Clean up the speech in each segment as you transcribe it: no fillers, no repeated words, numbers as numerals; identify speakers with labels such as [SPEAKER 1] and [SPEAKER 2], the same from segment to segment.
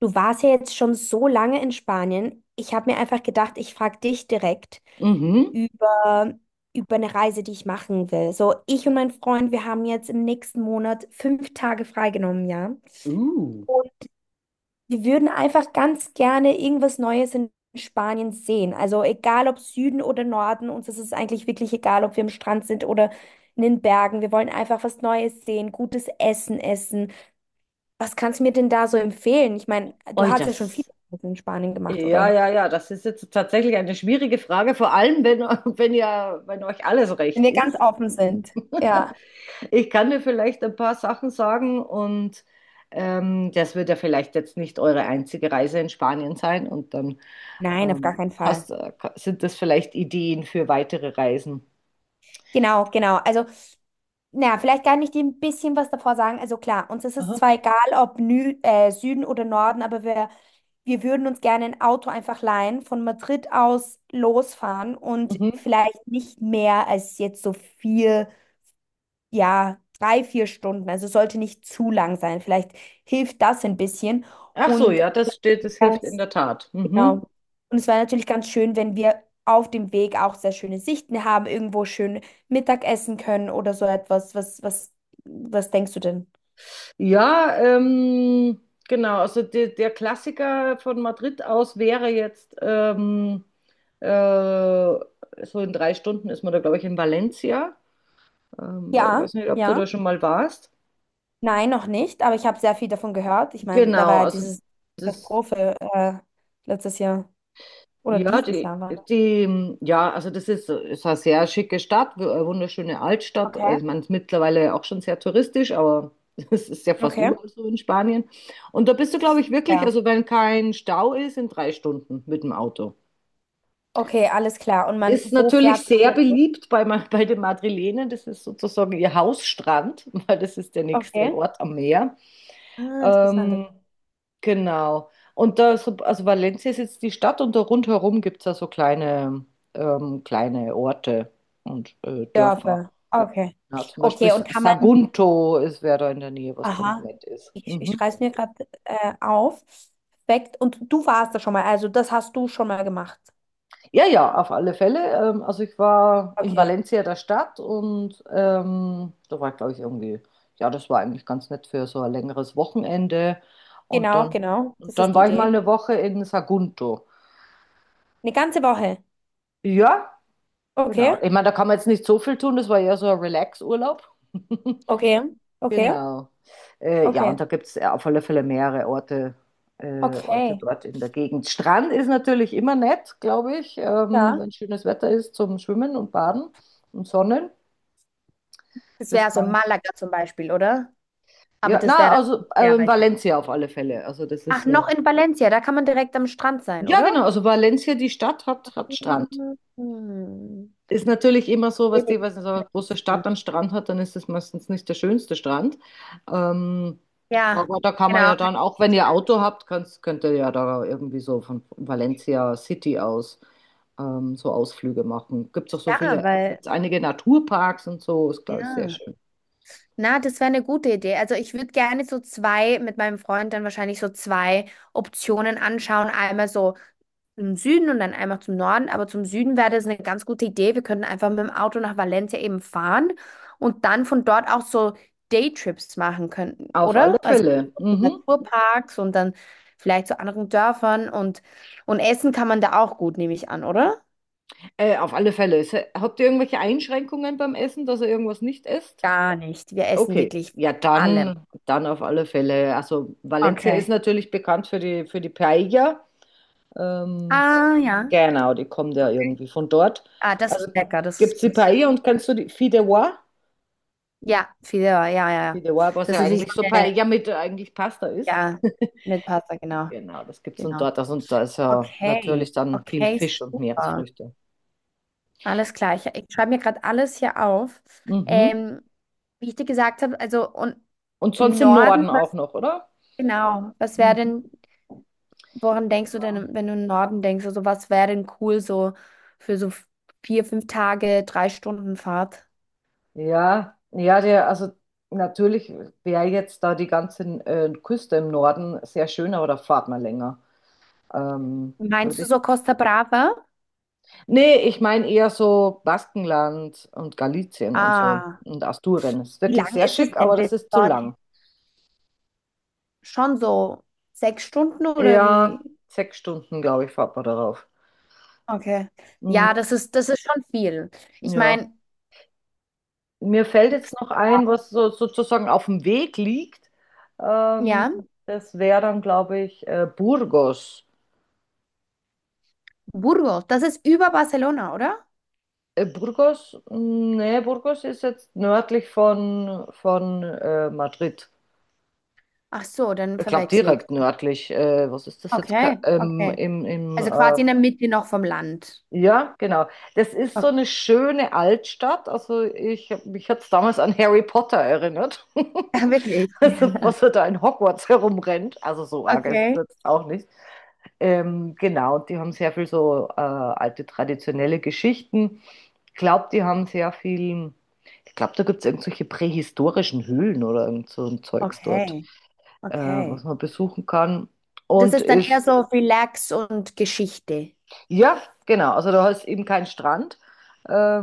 [SPEAKER 1] Du warst ja jetzt schon so lange in Spanien. Ich habe mir einfach gedacht, ich frage dich direkt
[SPEAKER 2] Mhm.
[SPEAKER 1] über, über eine Reise, die ich machen will. So, ich und mein Freund, wir haben jetzt im nächsten Monat 5 Tage freigenommen, ja.
[SPEAKER 2] Uh.
[SPEAKER 1] Und wir würden einfach ganz gerne irgendwas Neues in Spanien sehen. Also egal ob Süden oder Norden, uns ist es eigentlich wirklich egal, ob wir am Strand sind oder in den Bergen. Wir wollen einfach was Neues sehen, gutes Essen essen. Was kannst du mir denn da so empfehlen? Ich meine, du
[SPEAKER 2] Oi,
[SPEAKER 1] hast ja schon viele
[SPEAKER 2] das.
[SPEAKER 1] Reisen in Spanien gemacht,
[SPEAKER 2] Ja,
[SPEAKER 1] oder?
[SPEAKER 2] ja, ja, das ist jetzt tatsächlich eine schwierige Frage, vor allem wenn, wenn ja, wenn euch alles
[SPEAKER 1] Wenn
[SPEAKER 2] recht
[SPEAKER 1] wir ganz
[SPEAKER 2] ist.
[SPEAKER 1] offen sind. Ja.
[SPEAKER 2] Ich kann dir vielleicht ein paar Sachen sagen und das wird ja vielleicht jetzt nicht eure einzige Reise in Spanien sein und dann
[SPEAKER 1] Nein, auf
[SPEAKER 2] ähm,
[SPEAKER 1] gar keinen Fall.
[SPEAKER 2] sind das vielleicht Ideen für weitere Reisen.
[SPEAKER 1] Genau, genau. Also, na, vielleicht kann ich dir ein bisschen was davor sagen. Also klar, uns ist es
[SPEAKER 2] Aha.
[SPEAKER 1] zwar egal, ob Nü Süden oder Norden, aber wir würden uns gerne ein Auto einfach leihen, von Madrid aus losfahren und
[SPEAKER 2] Mhm.
[SPEAKER 1] vielleicht nicht mehr als jetzt so vier, ja, drei, 4 Stunden. Also sollte nicht zu lang sein. Vielleicht hilft das ein bisschen.
[SPEAKER 2] Ach so,
[SPEAKER 1] Und
[SPEAKER 2] ja, das
[SPEAKER 1] dann.
[SPEAKER 2] hilft in der Tat. Mhm.
[SPEAKER 1] Genau. Und es war natürlich ganz schön, wenn wir auf dem Weg auch sehr schöne Sichten haben, irgendwo schön Mittag essen können oder so etwas. Was denkst du denn?
[SPEAKER 2] Ja, genau. Also der Klassiker von Madrid aus wäre jetzt so in 3 Stunden ist man da, glaube ich, in Valencia.
[SPEAKER 1] Ja,
[SPEAKER 2] Weiß nicht, ob du da
[SPEAKER 1] ja.
[SPEAKER 2] schon mal warst.
[SPEAKER 1] Nein, noch nicht, aber ich habe sehr viel davon gehört. Ich meine, da
[SPEAKER 2] Genau,
[SPEAKER 1] war ja
[SPEAKER 2] also
[SPEAKER 1] dieses
[SPEAKER 2] das.
[SPEAKER 1] Katastrophe letztes Jahr oder
[SPEAKER 2] Ja,
[SPEAKER 1] dieses Jahr war das.
[SPEAKER 2] ja, also das ist eine sehr schicke Stadt, eine wunderschöne Altstadt. Also
[SPEAKER 1] Okay.
[SPEAKER 2] ich meine, es ist mittlerweile auch schon sehr touristisch, aber es ist ja fast
[SPEAKER 1] Okay.
[SPEAKER 2] überall so in Spanien. Und da bist du, glaube ich, wirklich,
[SPEAKER 1] Ja.
[SPEAKER 2] also wenn kein Stau ist, in 3 Stunden mit dem Auto.
[SPEAKER 1] Okay, alles klar.
[SPEAKER 2] Ist
[SPEAKER 1] Wo fährt
[SPEAKER 2] natürlich
[SPEAKER 1] man
[SPEAKER 2] sehr
[SPEAKER 1] denn durch?
[SPEAKER 2] beliebt bei den Madrilenen. Das ist sozusagen ihr Hausstrand, weil das ist der nächste
[SPEAKER 1] Okay.
[SPEAKER 2] Ort am Meer.
[SPEAKER 1] Ah, interessante
[SPEAKER 2] Ähm, Genau. Und also Valencia ist jetzt die Stadt und da rundherum gibt es ja so kleine Orte und
[SPEAKER 1] Dörfer.
[SPEAKER 2] Dörfer.
[SPEAKER 1] Okay.
[SPEAKER 2] Ja, zum Beispiel
[SPEAKER 1] Okay, und kann man,
[SPEAKER 2] Sagunto wäre da in der Nähe, was ganz
[SPEAKER 1] aha.
[SPEAKER 2] nett ist.
[SPEAKER 1] Ich
[SPEAKER 2] Mhm.
[SPEAKER 1] schreibe es mir gerade auf. Perfekt. Und du warst da schon mal, also das hast du schon mal gemacht.
[SPEAKER 2] Ja, ja, auf alle Fälle. Also ich war in
[SPEAKER 1] Okay.
[SPEAKER 2] Valencia der Stadt und da war ich, glaube ich, irgendwie, ja, das war eigentlich ganz nett für so ein längeres Wochenende. Und
[SPEAKER 1] Genau,
[SPEAKER 2] dann,
[SPEAKER 1] genau.
[SPEAKER 2] und
[SPEAKER 1] Das
[SPEAKER 2] dann
[SPEAKER 1] ist die
[SPEAKER 2] war ich
[SPEAKER 1] Idee.
[SPEAKER 2] mal eine Woche in Sagunto.
[SPEAKER 1] Eine ganze Woche.
[SPEAKER 2] Ja,
[SPEAKER 1] Okay,
[SPEAKER 2] genau. Ich meine, da kann man jetzt nicht so viel tun, das war ja so ein Relax-Urlaub.
[SPEAKER 1] okay, okay,
[SPEAKER 2] Genau. Ja, und
[SPEAKER 1] okay,
[SPEAKER 2] da gibt es auf alle Fälle mehrere Orte
[SPEAKER 1] okay,
[SPEAKER 2] dort in der Gegend. Strand ist natürlich immer nett, glaube ich,
[SPEAKER 1] ja.
[SPEAKER 2] wenn schönes Wetter ist zum Schwimmen und Baden und Sonnen.
[SPEAKER 1] Das
[SPEAKER 2] Das
[SPEAKER 1] wäre so
[SPEAKER 2] kann ich.
[SPEAKER 1] Malaga zum Beispiel, oder? Aber
[SPEAKER 2] Ja,
[SPEAKER 1] das wäre
[SPEAKER 2] na, also
[SPEAKER 1] dann sehr weit weg.
[SPEAKER 2] Valencia auf alle Fälle. Also das ist
[SPEAKER 1] Ach,
[SPEAKER 2] ja.
[SPEAKER 1] noch in Valencia, da kann man direkt am Strand sein,
[SPEAKER 2] Ja, genau.
[SPEAKER 1] oder?
[SPEAKER 2] Also Valencia, die Stadt, hat Strand.
[SPEAKER 1] Mhm.
[SPEAKER 2] Ist natürlich immer so,
[SPEAKER 1] Billig.
[SPEAKER 2] was so eine große Stadt einen Strand hat, dann ist es meistens nicht der schönste Strand. Ähm,
[SPEAKER 1] Ja,
[SPEAKER 2] aber da kann man
[SPEAKER 1] genau,
[SPEAKER 2] ja
[SPEAKER 1] kann ich
[SPEAKER 2] dann,
[SPEAKER 1] mir
[SPEAKER 2] auch wenn ihr
[SPEAKER 1] vorstellen.
[SPEAKER 2] Auto habt, könnt ihr ja da irgendwie so von Valencia City aus so Ausflüge machen. Gibt es auch so
[SPEAKER 1] Ja,
[SPEAKER 2] viele,
[SPEAKER 1] weil,
[SPEAKER 2] gibt es einige Naturparks und so, ist, glaube ich, sehr
[SPEAKER 1] ja.
[SPEAKER 2] schön.
[SPEAKER 1] Na, das wäre eine gute Idee. Also ich würde gerne so zwei, mit meinem Freund dann wahrscheinlich so zwei Optionen anschauen. Einmal so im Süden und dann einmal zum Norden. Aber zum Süden wäre das eine ganz gute Idee. Wir könnten einfach mit dem Auto nach Valencia eben fahren und dann von dort auch so Daytrips machen könnten,
[SPEAKER 2] Auf alle
[SPEAKER 1] oder? Also
[SPEAKER 2] Fälle.
[SPEAKER 1] in
[SPEAKER 2] Mhm.
[SPEAKER 1] Naturparks und dann vielleicht zu anderen Dörfern und essen kann man da auch gut, nehme ich an, oder?
[SPEAKER 2] Auf alle Fälle. Habt ihr irgendwelche Einschränkungen beim Essen, dass ihr irgendwas nicht esst?
[SPEAKER 1] Gar nicht. Wir essen
[SPEAKER 2] Okay,
[SPEAKER 1] wirklich
[SPEAKER 2] ja,
[SPEAKER 1] allem.
[SPEAKER 2] dann auf alle Fälle. Also Valencia ist
[SPEAKER 1] Okay.
[SPEAKER 2] natürlich bekannt für die Paella. Ähm,
[SPEAKER 1] Ah, ja.
[SPEAKER 2] genau, die kommt ja irgendwie von dort.
[SPEAKER 1] Ah, das ist
[SPEAKER 2] Also
[SPEAKER 1] lecker. Das
[SPEAKER 2] gibt
[SPEAKER 1] ist,
[SPEAKER 2] es die
[SPEAKER 1] das,
[SPEAKER 2] Paella und kannst du die Fideuà?
[SPEAKER 1] ja, Fideuá, ja, ja, ja.
[SPEAKER 2] Fideuà, was
[SPEAKER 1] Das
[SPEAKER 2] ja
[SPEAKER 1] ist wie so
[SPEAKER 2] eigentlich so
[SPEAKER 1] eine,
[SPEAKER 2] Paella mit eigentlich Pasta ist.
[SPEAKER 1] ja, mit Pasta, genau,
[SPEAKER 2] Genau, das gibt es und
[SPEAKER 1] genau.
[SPEAKER 2] dort. Also, und da ist ja
[SPEAKER 1] Okay,
[SPEAKER 2] natürlich dann viel
[SPEAKER 1] okay,
[SPEAKER 2] Fisch und
[SPEAKER 1] super.
[SPEAKER 2] Meeresfrüchte.
[SPEAKER 1] Alles klar. Ich schreibe mir gerade alles hier auf.
[SPEAKER 2] Mhm.
[SPEAKER 1] Ähm, Wie ich dir gesagt habe, also und
[SPEAKER 2] Und
[SPEAKER 1] im
[SPEAKER 2] sonst im
[SPEAKER 1] Norden,
[SPEAKER 2] Norden auch
[SPEAKER 1] was
[SPEAKER 2] noch, oder?
[SPEAKER 1] genau, was wäre denn,
[SPEAKER 2] Mhm.
[SPEAKER 1] woran denkst du denn, wenn du im Norden denkst, also was wäre denn cool so für so vier, fünf Tage, 3 Stunden Fahrt?
[SPEAKER 2] Ja, ja, also natürlich wäre jetzt da die ganze Küste im Norden sehr schön, aber da fahrt man länger. Ähm,
[SPEAKER 1] Meinst
[SPEAKER 2] Würde
[SPEAKER 1] du
[SPEAKER 2] ich.
[SPEAKER 1] so Costa Brava?
[SPEAKER 2] Nee, ich meine eher so Baskenland und Galizien und so
[SPEAKER 1] Ah.
[SPEAKER 2] und Asturien. Ist
[SPEAKER 1] Wie
[SPEAKER 2] wirklich
[SPEAKER 1] lang
[SPEAKER 2] sehr
[SPEAKER 1] ist es
[SPEAKER 2] schick,
[SPEAKER 1] denn
[SPEAKER 2] aber
[SPEAKER 1] bis
[SPEAKER 2] das ist zu
[SPEAKER 1] dorthin?
[SPEAKER 2] lang.
[SPEAKER 1] Schon so 6 Stunden oder
[SPEAKER 2] Ja,
[SPEAKER 1] wie?
[SPEAKER 2] 6 Stunden, glaube ich, fahrt man darauf.
[SPEAKER 1] Okay. Ja,
[SPEAKER 2] Mhm,
[SPEAKER 1] das ist schon viel. Ich
[SPEAKER 2] ja.
[SPEAKER 1] meine,
[SPEAKER 2] Mir fällt jetzt noch ein, was so, sozusagen auf dem Weg liegt. Ähm,
[SPEAKER 1] ja,
[SPEAKER 2] Das wäre dann, glaube ich, Burgos.
[SPEAKER 1] Burgos, das ist über Barcelona, oder?
[SPEAKER 2] Burgos? Nee, Burgos ist jetzt nördlich von Madrid.
[SPEAKER 1] Ach so, dann
[SPEAKER 2] Ich glaube
[SPEAKER 1] verwechsel ich.
[SPEAKER 2] direkt nördlich. Was ist das jetzt? Ka-
[SPEAKER 1] Okay,
[SPEAKER 2] Ähm,
[SPEAKER 1] okay.
[SPEAKER 2] im, im,
[SPEAKER 1] Also
[SPEAKER 2] äh,
[SPEAKER 1] quasi in der Mitte noch vom Land.
[SPEAKER 2] ja, genau. Das ist so
[SPEAKER 1] Okay.
[SPEAKER 2] eine schöne Altstadt. Also mich hat es damals an Harry Potter erinnert.
[SPEAKER 1] Ah, wirklich?
[SPEAKER 2] Also, was er da in Hogwarts herumrennt. Also so arg ist es
[SPEAKER 1] Okay.
[SPEAKER 2] jetzt auch nicht. Genau, und die haben sehr viel so alte traditionelle Geschichten. Ich glaube, die haben sehr viel. Ich glaube, da gibt es irgendwelche prähistorischen Höhlen oder irgend so ein Zeugs dort,
[SPEAKER 1] Okay, okay.
[SPEAKER 2] was man besuchen kann.
[SPEAKER 1] Das
[SPEAKER 2] Und
[SPEAKER 1] ist dann eher
[SPEAKER 2] ist,
[SPEAKER 1] so Relax und Geschichte.
[SPEAKER 2] ja, genau, also da ist eben kein Strand.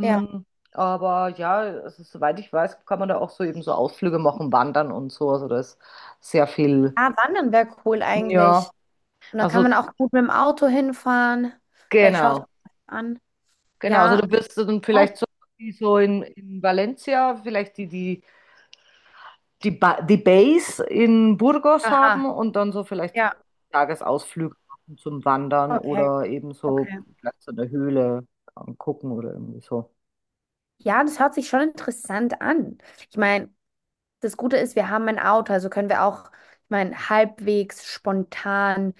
[SPEAKER 1] Ja,
[SPEAKER 2] aber ja, also, soweit ich weiß, kann man da auch so eben so Ausflüge machen, wandern und so. Also da ist sehr viel,
[SPEAKER 1] ja, Wandern wäre cool
[SPEAKER 2] ja,
[SPEAKER 1] eigentlich. Und dann kann man
[SPEAKER 2] also
[SPEAKER 1] auch gut mit dem Auto hinfahren. Vielleicht schaust du
[SPEAKER 2] genau,
[SPEAKER 1] das an.
[SPEAKER 2] genau. Also
[SPEAKER 1] Ja.
[SPEAKER 2] du wirst du dann
[SPEAKER 1] Oh.
[SPEAKER 2] vielleicht so, wie so in Valencia, vielleicht die Base in Burgos haben
[SPEAKER 1] Aha.
[SPEAKER 2] und dann so vielleicht
[SPEAKER 1] Ja.
[SPEAKER 2] Tagesausflüge machen zum Wandern
[SPEAKER 1] Okay.
[SPEAKER 2] oder eben so
[SPEAKER 1] Okay.
[SPEAKER 2] Platz in der Höhle angucken oder irgendwie so.
[SPEAKER 1] Ja, das hört sich schon interessant an. Ich meine, das Gute ist, wir haben ein Auto, also können wir auch, ich meine, halbwegs spontan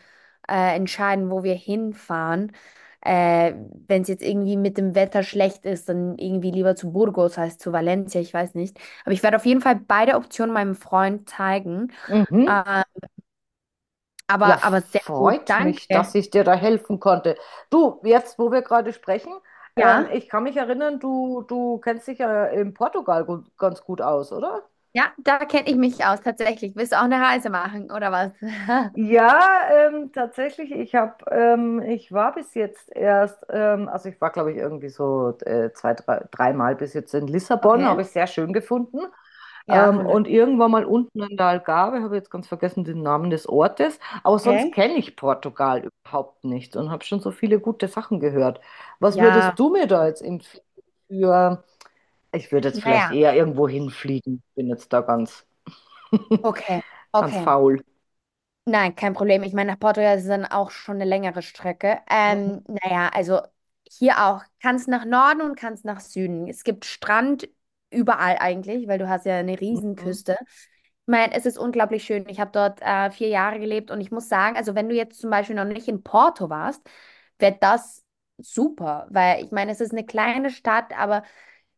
[SPEAKER 1] entscheiden, wo wir hinfahren. Äh, Wenn es jetzt irgendwie mit dem Wetter schlecht ist, dann irgendwie lieber zu Burgos als zu Valencia, ich weiß nicht. Aber ich werde auf jeden Fall beide Optionen meinem Freund zeigen.
[SPEAKER 2] Mhm.
[SPEAKER 1] Ähm,
[SPEAKER 2] Ja,
[SPEAKER 1] aber sehr gut,
[SPEAKER 2] freut mich, dass
[SPEAKER 1] danke.
[SPEAKER 2] ich dir da helfen konnte. Du, jetzt, wo wir gerade sprechen,
[SPEAKER 1] Ja,
[SPEAKER 2] ich kann mich erinnern, du kennst dich ja in Portugal ganz gut aus, oder?
[SPEAKER 1] ja, da kenne ich mich aus, tatsächlich. Willst du auch eine Reise machen, oder was?
[SPEAKER 2] Ja, tatsächlich, ich war bis jetzt erst, also ich war, glaube ich, irgendwie so zwei, drei, dreimal bis jetzt in Lissabon,
[SPEAKER 1] Okay.
[SPEAKER 2] habe ich sehr schön gefunden.
[SPEAKER 1] Ja, wunderschön.
[SPEAKER 2] Und irgendwann mal unten in der Algarve, habe ich jetzt ganz vergessen den Namen des Ortes, aber sonst
[SPEAKER 1] Okay.
[SPEAKER 2] kenne ich Portugal überhaupt nicht und habe schon so viele gute Sachen gehört. Was
[SPEAKER 1] Ja,
[SPEAKER 2] würdest du
[SPEAKER 1] wie
[SPEAKER 2] mir da
[SPEAKER 1] gesagt,
[SPEAKER 2] jetzt empfehlen für, ich würde jetzt vielleicht
[SPEAKER 1] naja,
[SPEAKER 2] eher irgendwo hinfliegen, bin jetzt da ganz,
[SPEAKER 1] okay,
[SPEAKER 2] ganz
[SPEAKER 1] okay.
[SPEAKER 2] faul.
[SPEAKER 1] Nein, kein Problem. Ich meine, nach Portugal ist es dann auch schon eine längere Strecke. Naja, also hier auch. Kannst nach Norden und kannst nach Süden. Es gibt Strand überall eigentlich, weil du hast ja eine Riesenküste. Ich meine, es ist unglaublich schön. Ich habe dort 4 Jahre gelebt und ich muss sagen, also wenn du jetzt zum Beispiel noch nicht in Porto warst, wäre das super, weil ich meine, es ist eine kleine Stadt, aber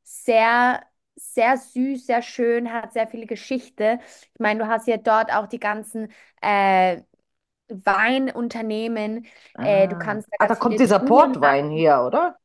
[SPEAKER 1] sehr, sehr süß, sehr schön, hat sehr viel Geschichte. Ich meine, du hast ja dort auch die ganzen äh, Weinunternehmen. Du
[SPEAKER 2] Ah.
[SPEAKER 1] kannst da
[SPEAKER 2] Ah, da
[SPEAKER 1] ganz
[SPEAKER 2] kommt
[SPEAKER 1] viele
[SPEAKER 2] dieser
[SPEAKER 1] Touren.
[SPEAKER 2] Portwein her, oder?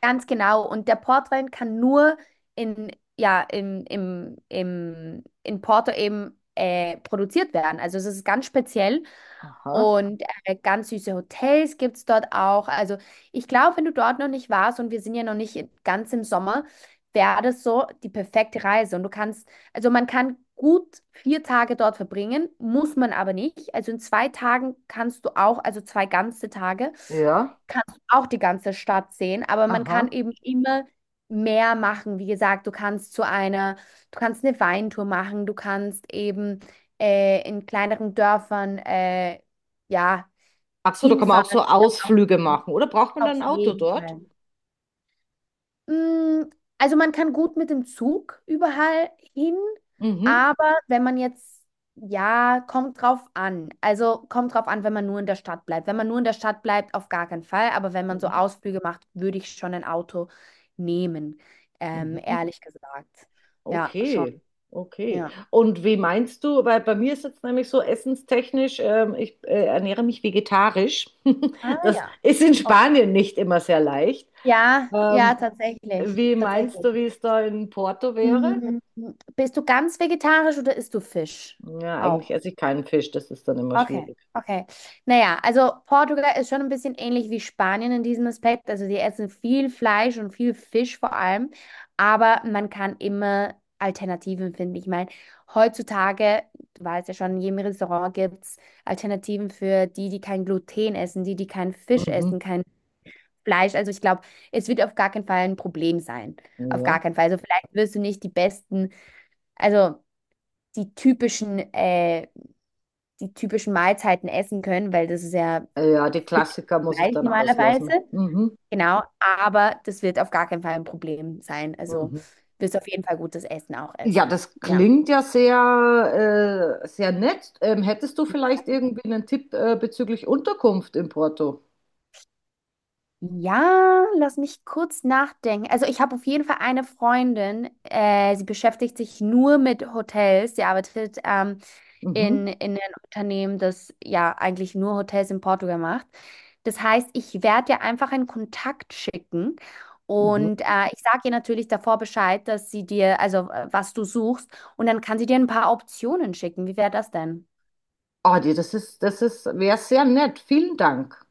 [SPEAKER 1] Ganz genau. Und der Portwein kann nur in, ja, in, im, im, in Porto eben produziert werden. Also es ist ganz speziell.
[SPEAKER 2] Aha.
[SPEAKER 1] Und ganz süße Hotels gibt es dort auch. Also ich glaube, wenn du dort noch nicht warst und wir sind ja noch nicht ganz im Sommer, wäre das so die perfekte Reise. Und du kannst, also man kann gut 4 Tage dort verbringen, muss man aber nicht. Also in 2 Tagen kannst du auch, also 2 ganze Tage
[SPEAKER 2] Ja.
[SPEAKER 1] kannst du auch die ganze Stadt sehen, aber man kann
[SPEAKER 2] Aha.
[SPEAKER 1] eben immer mehr machen. Wie gesagt, du kannst eine Weintour machen, du kannst eben in kleineren Dörfern, ja,
[SPEAKER 2] Ach so, da kann man auch so Ausflüge machen, oder? Braucht man dann
[SPEAKER 1] auf
[SPEAKER 2] ein
[SPEAKER 1] auf
[SPEAKER 2] Auto
[SPEAKER 1] jeden
[SPEAKER 2] dort?
[SPEAKER 1] Fall. Mm, Also man kann gut mit dem Zug überall hin,
[SPEAKER 2] Mhm.
[SPEAKER 1] aber wenn man jetzt, ja, kommt drauf an. Also kommt drauf an, wenn man nur in der Stadt bleibt. Wenn man nur in der Stadt bleibt, auf gar keinen Fall. Aber wenn man so
[SPEAKER 2] Mhm.
[SPEAKER 1] Ausflüge macht, würde ich schon ein Auto nehmen,
[SPEAKER 2] Mhm.
[SPEAKER 1] ehrlich gesagt. Ja, schon.
[SPEAKER 2] Okay. Okay.
[SPEAKER 1] Ja.
[SPEAKER 2] Und wie meinst du, weil bei mir ist jetzt nämlich so essenstechnisch, ich ernähre mich vegetarisch.
[SPEAKER 1] Ah
[SPEAKER 2] Das
[SPEAKER 1] ja.
[SPEAKER 2] ist in
[SPEAKER 1] Okay.
[SPEAKER 2] Spanien nicht immer sehr leicht.
[SPEAKER 1] Ja, ja,
[SPEAKER 2] Ähm,
[SPEAKER 1] tatsächlich.
[SPEAKER 2] Wie meinst
[SPEAKER 1] Tatsächlich.
[SPEAKER 2] du, wie es da in Porto wäre?
[SPEAKER 1] Mm, Bist du ganz vegetarisch oder isst du Fisch?
[SPEAKER 2] Ja, eigentlich
[SPEAKER 1] Auch.
[SPEAKER 2] esse ich keinen Fisch, das ist dann immer
[SPEAKER 1] Okay,
[SPEAKER 2] schwierig.
[SPEAKER 1] okay. Naja, also Portugal ist schon ein bisschen ähnlich wie Spanien in diesem Aspekt. Also sie essen viel Fleisch und viel Fisch vor allem, aber man kann immer Alternativen finden. Ich meine, heutzutage, du weißt ja schon, in jedem Restaurant gibt es Alternativen für die, die kein Gluten essen, die, die keinen Fisch essen,
[SPEAKER 2] Mhm.
[SPEAKER 1] kein Fleisch. Also ich glaube, es wird auf gar keinen Fall ein Problem sein. Auf gar
[SPEAKER 2] Ja.
[SPEAKER 1] keinen Fall. Also vielleicht wirst du nicht die besten, also die typischen äh, die typischen Mahlzeiten essen können, weil das ist ja
[SPEAKER 2] Ja, die
[SPEAKER 1] Fisch
[SPEAKER 2] Klassiker muss ich
[SPEAKER 1] gleich
[SPEAKER 2] dann
[SPEAKER 1] normalerweise.
[SPEAKER 2] auslassen. Mhm.
[SPEAKER 1] Genau, aber das wird auf gar keinen Fall ein Problem sein. Also
[SPEAKER 2] Mhm.
[SPEAKER 1] wirst auf jeden Fall gutes Essen auch
[SPEAKER 2] Ja,
[SPEAKER 1] essen.
[SPEAKER 2] das
[SPEAKER 1] Ja.
[SPEAKER 2] klingt ja sehr nett. Hättest du vielleicht irgendwie einen Tipp bezüglich Unterkunft in Porto?
[SPEAKER 1] Ja, lass mich kurz nachdenken. Also ich habe auf jeden Fall eine Freundin, sie beschäftigt sich nur mit Hotels. Sie arbeitet in,
[SPEAKER 2] Mhm.
[SPEAKER 1] in ein Unternehmen, das ja eigentlich nur Hotels in Portugal macht. Das heißt, ich werde dir einfach einen Kontakt schicken und
[SPEAKER 2] Mhm.
[SPEAKER 1] ich sage ihr natürlich davor Bescheid, dass sie dir, also was du suchst, und dann kann sie dir ein paar Optionen schicken. Wie wäre das denn?
[SPEAKER 2] Ah, die, das ist, wäre sehr nett. Vielen Dank.